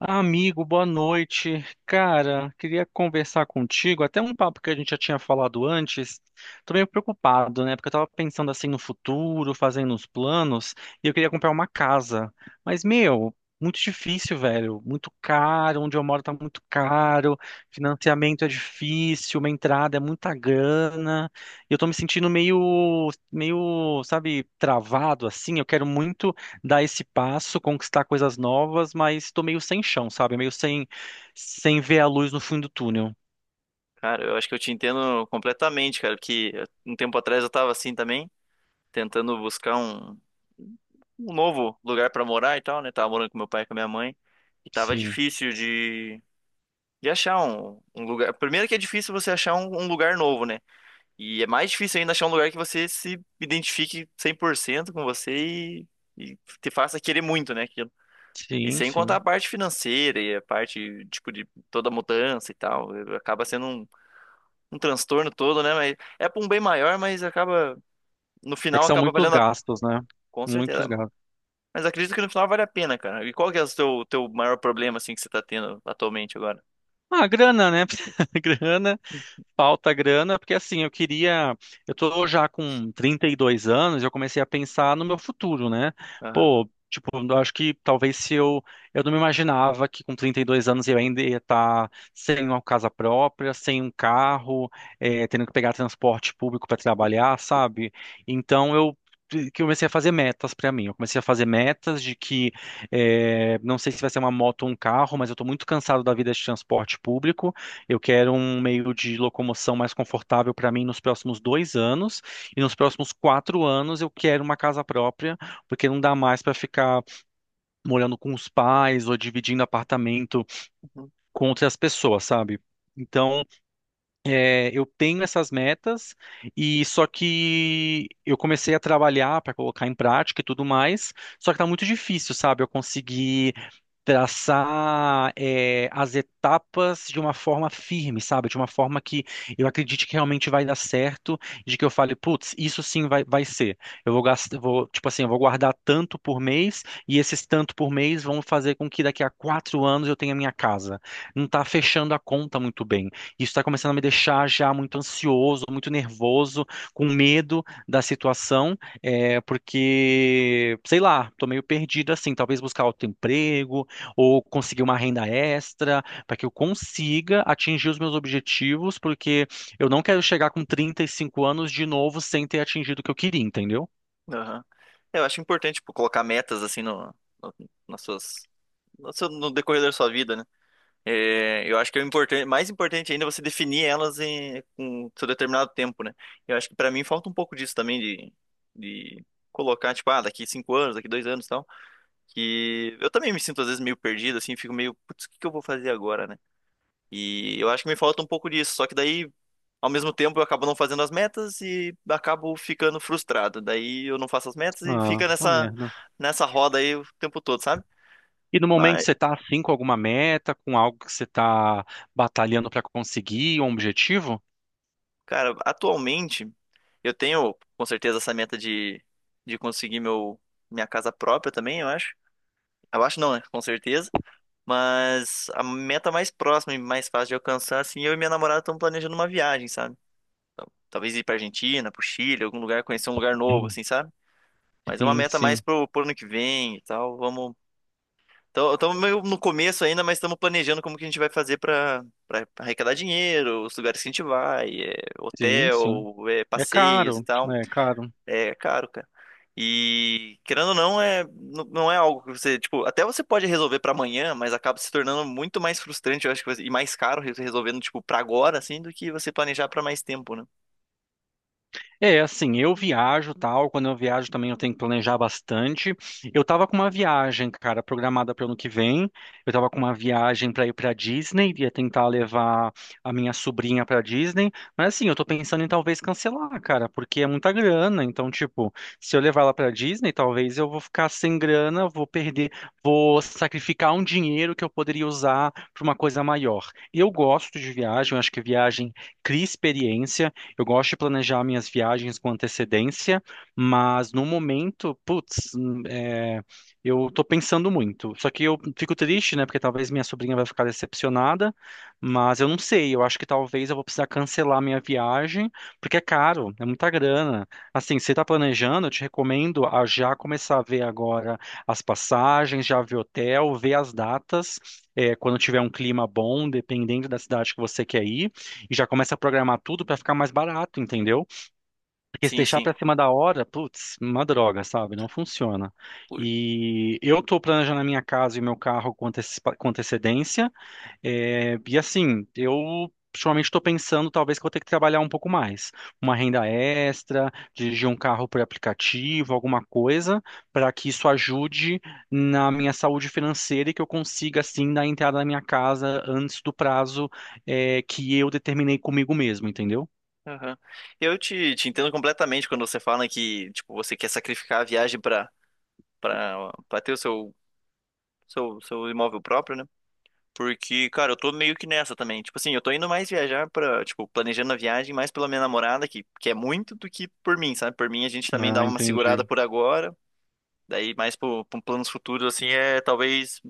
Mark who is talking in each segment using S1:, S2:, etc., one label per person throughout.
S1: Amigo, boa noite. Cara, queria conversar contigo, até um papo que a gente já tinha falado antes. Tô meio preocupado, né? Porque eu tava pensando assim no futuro, fazendo os planos, e eu queria comprar uma casa. Mas, meu, muito difícil, velho. Muito caro, onde eu moro tá muito caro, financiamento é difícil, uma entrada é muita grana. E eu tô me sentindo meio, sabe, travado assim. Eu quero muito dar esse passo, conquistar coisas novas, mas tô meio sem chão, sabe? Meio sem ver a luz no fim do túnel.
S2: Cara, eu acho que eu te entendo completamente, cara, que um tempo atrás eu tava assim também, tentando buscar um novo lugar pra morar e tal, né? Tava morando com meu pai e com a minha mãe, e tava
S1: Sim,
S2: difícil de achar um lugar. Primeiro que é difícil você achar um lugar novo, né? E é mais difícil ainda achar um lugar que você se identifique 100% com você e te faça querer muito, né? aquilo. E
S1: sim,
S2: sem contar a
S1: sim.
S2: parte financeira e a parte, tipo, de toda mudança e tal, acaba sendo um transtorno todo, né? Mas é pra um bem maior, mas acaba, no
S1: É que
S2: final
S1: são
S2: acaba
S1: muitos
S2: valendo a...
S1: gastos, né?
S2: Com certeza.
S1: Muitos gastos.
S2: Mas acredito que no final vale a pena, cara. E qual que é o teu maior problema, assim, que você tá tendo atualmente agora?
S1: Ah, grana, né? Grana. Falta grana, porque assim, eu queria. Eu tô já com 32 anos, eu comecei a pensar no meu futuro, né?
S2: Aham.
S1: Pô, tipo, eu acho que talvez se eu. Eu não me imaginava que com 32 anos eu ainda ia estar sem uma casa própria, sem um carro, tendo que pegar transporte público para trabalhar, sabe? Então eu. Que eu comecei a fazer metas para mim. Eu comecei a fazer metas de que não sei se vai ser uma moto ou um carro, mas eu estou muito cansado da vida de transporte público. Eu quero um meio de locomoção mais confortável para mim nos próximos dois anos. E nos próximos quatro anos eu quero uma casa própria, porque não dá mais para ficar morando com os pais ou dividindo apartamento
S2: Uhum.
S1: com outras pessoas, sabe? Então, é, eu tenho essas metas e só que eu comecei a trabalhar para colocar em prática e tudo mais, só que tá muito difícil, sabe? Eu conseguir traçar é, as etapas de uma forma firme, sabe? De uma forma que eu acredite que realmente vai dar certo, de que eu fale, putz, isso sim vai ser. Eu vou gastar, vou, tipo assim, eu vou guardar tanto por mês e esses tanto por mês vão fazer com que daqui a quatro anos eu tenha minha casa. Não tá fechando a conta muito bem. Isso está começando a me deixar já muito ansioso, muito nervoso, com medo da situação, é, porque, sei lá, tô meio perdido assim, talvez buscar outro emprego, ou conseguir uma renda extra, para que eu consiga atingir os meus objetivos, porque eu não quero chegar com 35 anos de novo sem ter atingido o que eu queria, entendeu?
S2: Aham. Eu acho importante, tipo, colocar metas, assim, no, nas suas... No, no decorrer da sua vida, né? É, eu acho que é importante, mais importante ainda é você definir elas em com seu determinado tempo, né? Eu acho que pra mim falta um pouco disso também de colocar, tipo, ah, daqui 5 anos, daqui 2 anos, e tal. Que eu também me sinto às vezes meio perdido, assim, fico meio, putz, o que que eu vou fazer agora, né? E eu acho que me falta um pouco disso, só que daí, ao mesmo tempo, eu acabo não fazendo as metas e acabo ficando frustrado. Daí eu não faço as metas e
S1: Ah,
S2: fica
S1: uma merda.
S2: nessa roda aí o tempo todo, sabe?
S1: E no momento
S2: Mas,
S1: você tá assim com alguma meta, com algo que você tá batalhando para conseguir, um objetivo?
S2: cara, atualmente eu tenho com certeza essa meta de conseguir meu minha casa própria também, eu acho. Eu acho não, né? Com certeza. Mas a meta mais próxima e mais fácil de alcançar, assim, eu e minha namorada estamos planejando uma viagem, sabe? Talvez ir pra Argentina, pro Chile, algum lugar, conhecer um lugar novo,
S1: Hum.
S2: assim, sabe? Mas é uma
S1: Sim,
S2: meta mais
S1: sim,
S2: pro ano que vem e tal. Vamos. Estamos meio no começo ainda, mas estamos planejando como que a gente vai fazer pra arrecadar dinheiro, os lugares que a gente vai, é,
S1: sim, sim.
S2: hotel, é,
S1: É
S2: passeios e
S1: caro,
S2: tal.
S1: é caro.
S2: É caro, cara. E querendo ou não, é, não é algo que você, tipo, até você pode resolver pra amanhã, mas acaba se tornando muito mais frustrante, eu acho que, e mais caro resolvendo, tipo, pra agora, assim, do que você planejar pra mais tempo, né?
S1: É, assim, eu viajo, tal, quando eu viajo também eu tenho que planejar bastante. Eu tava com uma viagem, cara, programada para o ano que vem. Eu tava com uma viagem para ir para Disney, ia tentar levar a minha sobrinha para Disney, mas assim, eu tô pensando em talvez cancelar, cara, porque é muita grana, então tipo, se eu levar ela para Disney, talvez eu vou ficar sem grana, vou perder, vou sacrificar um dinheiro que eu poderia usar para uma coisa maior. Eu gosto de viagem, eu acho que viagem cria experiência. Eu gosto de planejar minhas viagens com antecedência, mas no momento, putz, é, eu tô pensando muito. Só que eu fico triste, né? Porque talvez minha sobrinha vai ficar decepcionada, mas eu não sei. Eu acho que talvez eu vou precisar cancelar minha viagem, porque é caro, é muita grana. Assim, se você tá planejando, eu te recomendo a já começar a ver agora as passagens, já ver hotel, ver as datas. É, quando tiver um clima bom, dependendo da cidade que você quer ir e já começa a programar tudo para ficar mais barato, entendeu? Porque se
S2: Sim,
S1: deixar
S2: sim.
S1: para cima da hora, putz, uma droga, sabe? Não funciona. E eu tô planejando a minha casa e o meu carro com com antecedência. É, e assim, eu ultimamente estou pensando talvez que eu vou ter que trabalhar um pouco mais. Uma renda extra, dirigir um carro por aplicativo, alguma coisa, para que isso ajude na minha saúde financeira e que eu consiga, assim, dar entrada na minha casa antes do prazo, é, que eu determinei comigo mesmo, entendeu?
S2: Aham. Eu te entendo completamente quando você fala que, tipo, você quer sacrificar a viagem pra ter o seu imóvel próprio, né? Porque, cara, eu tô meio que nessa também. Tipo assim, eu tô indo mais viajar pra, tipo, planejando a viagem mais pela minha namorada, que é muito, do que por mim, sabe? Por mim, a gente também
S1: Ah,
S2: dava uma
S1: entendi.
S2: segurada por agora. Daí, mais para planos futuros, assim, talvez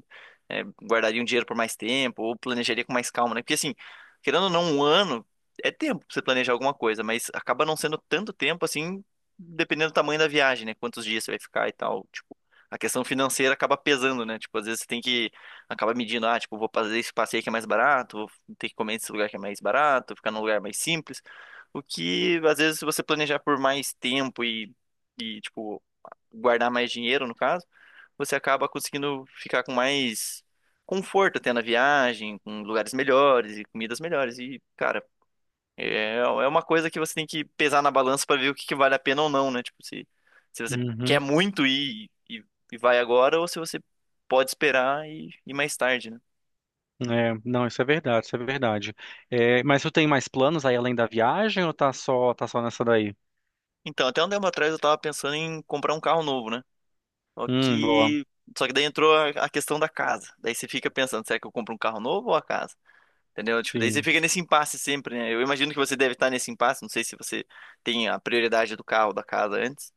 S2: é, guardaria um dinheiro por mais tempo ou planejaria com mais calma, né? Porque, assim, querendo ou não, um ano é tempo pra você planejar alguma coisa, mas acaba não sendo tanto tempo, assim, dependendo do tamanho da viagem, né? Quantos dias você vai ficar e tal. Tipo, a questão financeira acaba pesando, né? Tipo, às vezes você tem que acaba medindo, ah, tipo, vou fazer esse passeio que é mais barato, vou ter que comer nesse lugar que é mais barato, ficar num lugar mais simples. O que, às vezes, se você planejar por mais tempo e. E, tipo, guardar mais dinheiro, no caso, você acaba conseguindo ficar com mais conforto até na viagem, com lugares melhores e comidas melhores. E, cara, é uma coisa que você tem que pesar na balança para ver que vale a pena ou não, né? Tipo, se você quer
S1: Uhum.
S2: muito ir e vai agora, ou se você pode esperar e ir mais tarde, né?
S1: É, não, isso é verdade, isso é verdade. É, mas tu tem mais planos aí além da viagem ou tá só nessa daí?
S2: Então, até um tempo atrás eu tava pensando em comprar um carro novo, né? Só
S1: Boa.
S2: que, só que daí entrou a questão da casa. Daí você fica pensando, será que eu compro um carro novo ou a casa? Entendeu? Tipo, daí você
S1: Sim.
S2: fica nesse impasse sempre, né? Eu imagino que você deve estar nesse impasse. Não sei se você tem a prioridade do carro, da casa antes.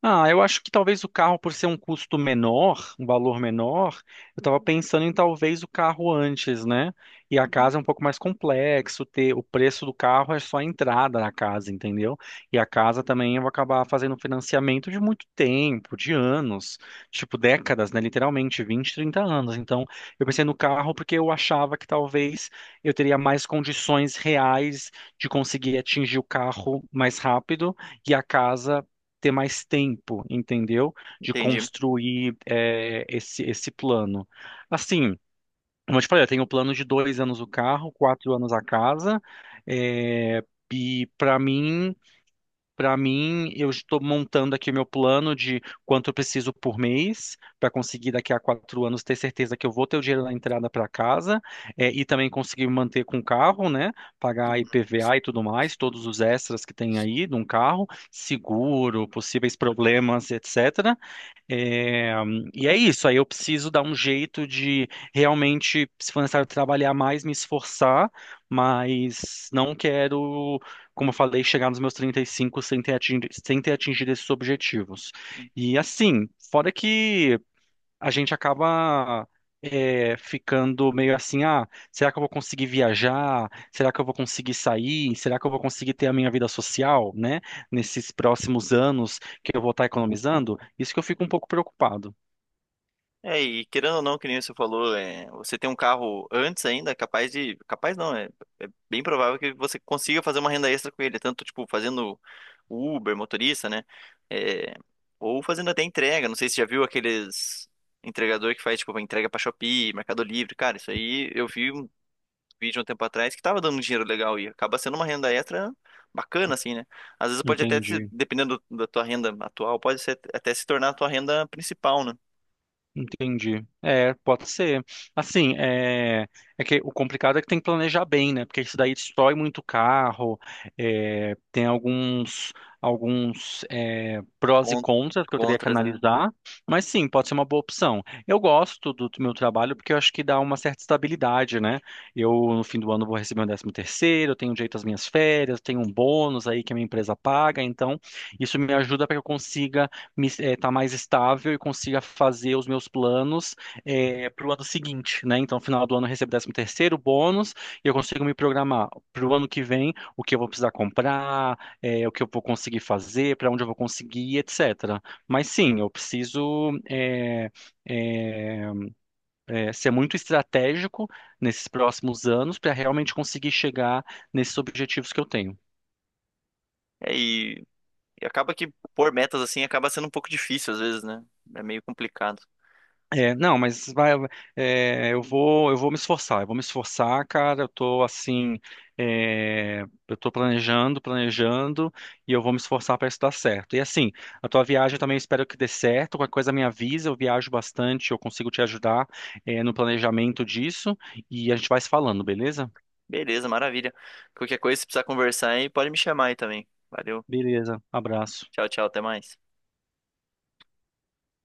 S1: Ah, eu acho que talvez o carro, por ser um custo menor, um valor menor, eu estava pensando em talvez o carro antes, né? E a
S2: Uhum,
S1: casa é um pouco mais complexo, ter o preço do carro é só a entrada na casa, entendeu? E a casa também eu vou acabar fazendo financiamento de muito tempo, de anos, tipo décadas, né? Literalmente 20, 30 anos. Então, eu pensei no carro porque eu achava que talvez eu teria mais condições reais de conseguir atingir o carro mais rápido e a casa ter mais tempo, entendeu? De
S2: entendi.
S1: construir é, esse plano. Assim, como eu te falei, eu tenho o plano de dois anos o carro, quatro anos a casa, é, e para mim. Para mim, eu estou montando aqui o meu plano de quanto eu preciso por mês para conseguir daqui a quatro anos ter certeza que eu vou ter o dinheiro na entrada para casa e também conseguir me manter com o carro, né? Pagar
S2: Uhum.
S1: IPVA e tudo mais, todos os extras que tem aí de um carro, seguro, possíveis problemas, etc. É, e é isso, aí eu preciso dar um jeito de realmente, se for necessário trabalhar mais, me esforçar, mas não quero, como eu falei, chegar nos meus 35 sem ter atingido, sem ter atingido esses objetivos.
S2: Uhum.
S1: E assim, fora que a gente acaba é, ficando meio assim, ah, será que eu vou conseguir viajar? Será que eu vou conseguir sair? Será que eu vou conseguir ter a minha vida social, né? Nesses próximos anos que eu vou estar economizando? Isso que eu fico um pouco preocupado.
S2: É, e querendo ou não, que nem você falou, é, você tem um carro antes ainda, capaz de. Capaz não, é. Bem provável que você consiga fazer uma renda extra com ele, tanto tipo fazendo Uber, motorista, né? É, ou fazendo até entrega. Não sei se já viu aqueles entregador que faz tipo entrega pra Shopee, Mercado Livre, cara. Isso aí eu vi um vídeo um tempo atrás que tava dando um dinheiro legal e acaba sendo uma renda extra bacana, assim, né? Às vezes pode até,
S1: Entendi.
S2: dependendo da tua renda atual, pode ser, até se tornar a tua renda principal, né?
S1: Entendi. É, pode ser. Assim, é, é que o complicado é que tem que planejar bem, né? Porque isso daí destrói muito o carro. É, tem alguns, alguns é, prós e
S2: Con-
S1: contras que eu teria que
S2: Contras, né?
S1: analisar. Mas sim, pode ser uma boa opção. Eu gosto do meu trabalho porque eu acho que dá uma certa estabilidade, né? Eu, no fim do ano, vou receber um décimo terceiro, eu tenho direito às minhas férias, tenho um bônus aí que a minha empresa paga. Então, isso me ajuda para que eu consiga me, tá mais estável e consiga fazer os meus planos para o ano seguinte, né? Então, no final do ano eu recebo décimo terceiro bônus e eu consigo me programar para o ano que vem o que eu vou precisar comprar, o que eu vou conseguir fazer, para onde eu vou conseguir, etc. Mas sim, eu preciso eh, ser muito estratégico nesses próximos anos para realmente conseguir chegar nesses objetivos que eu tenho.
S2: É, e acaba que pôr metas assim acaba sendo um pouco difícil às vezes, né? É meio complicado.
S1: É, não, mas vai, é, eu vou me esforçar, eu vou me esforçar, cara. Eu tô assim, é, eu tô planejando, e eu vou me esforçar para isso dar certo. E assim, a tua viagem eu também espero que dê certo. Qualquer coisa me avisa, eu viajo bastante, eu consigo te ajudar, é, no planejamento disso, e a gente vai se falando, beleza?
S2: Beleza, maravilha. Qualquer coisa, se precisar conversar aí, pode me chamar aí também. Valeu.
S1: Beleza, abraço.
S2: Tchau, tchau, até mais.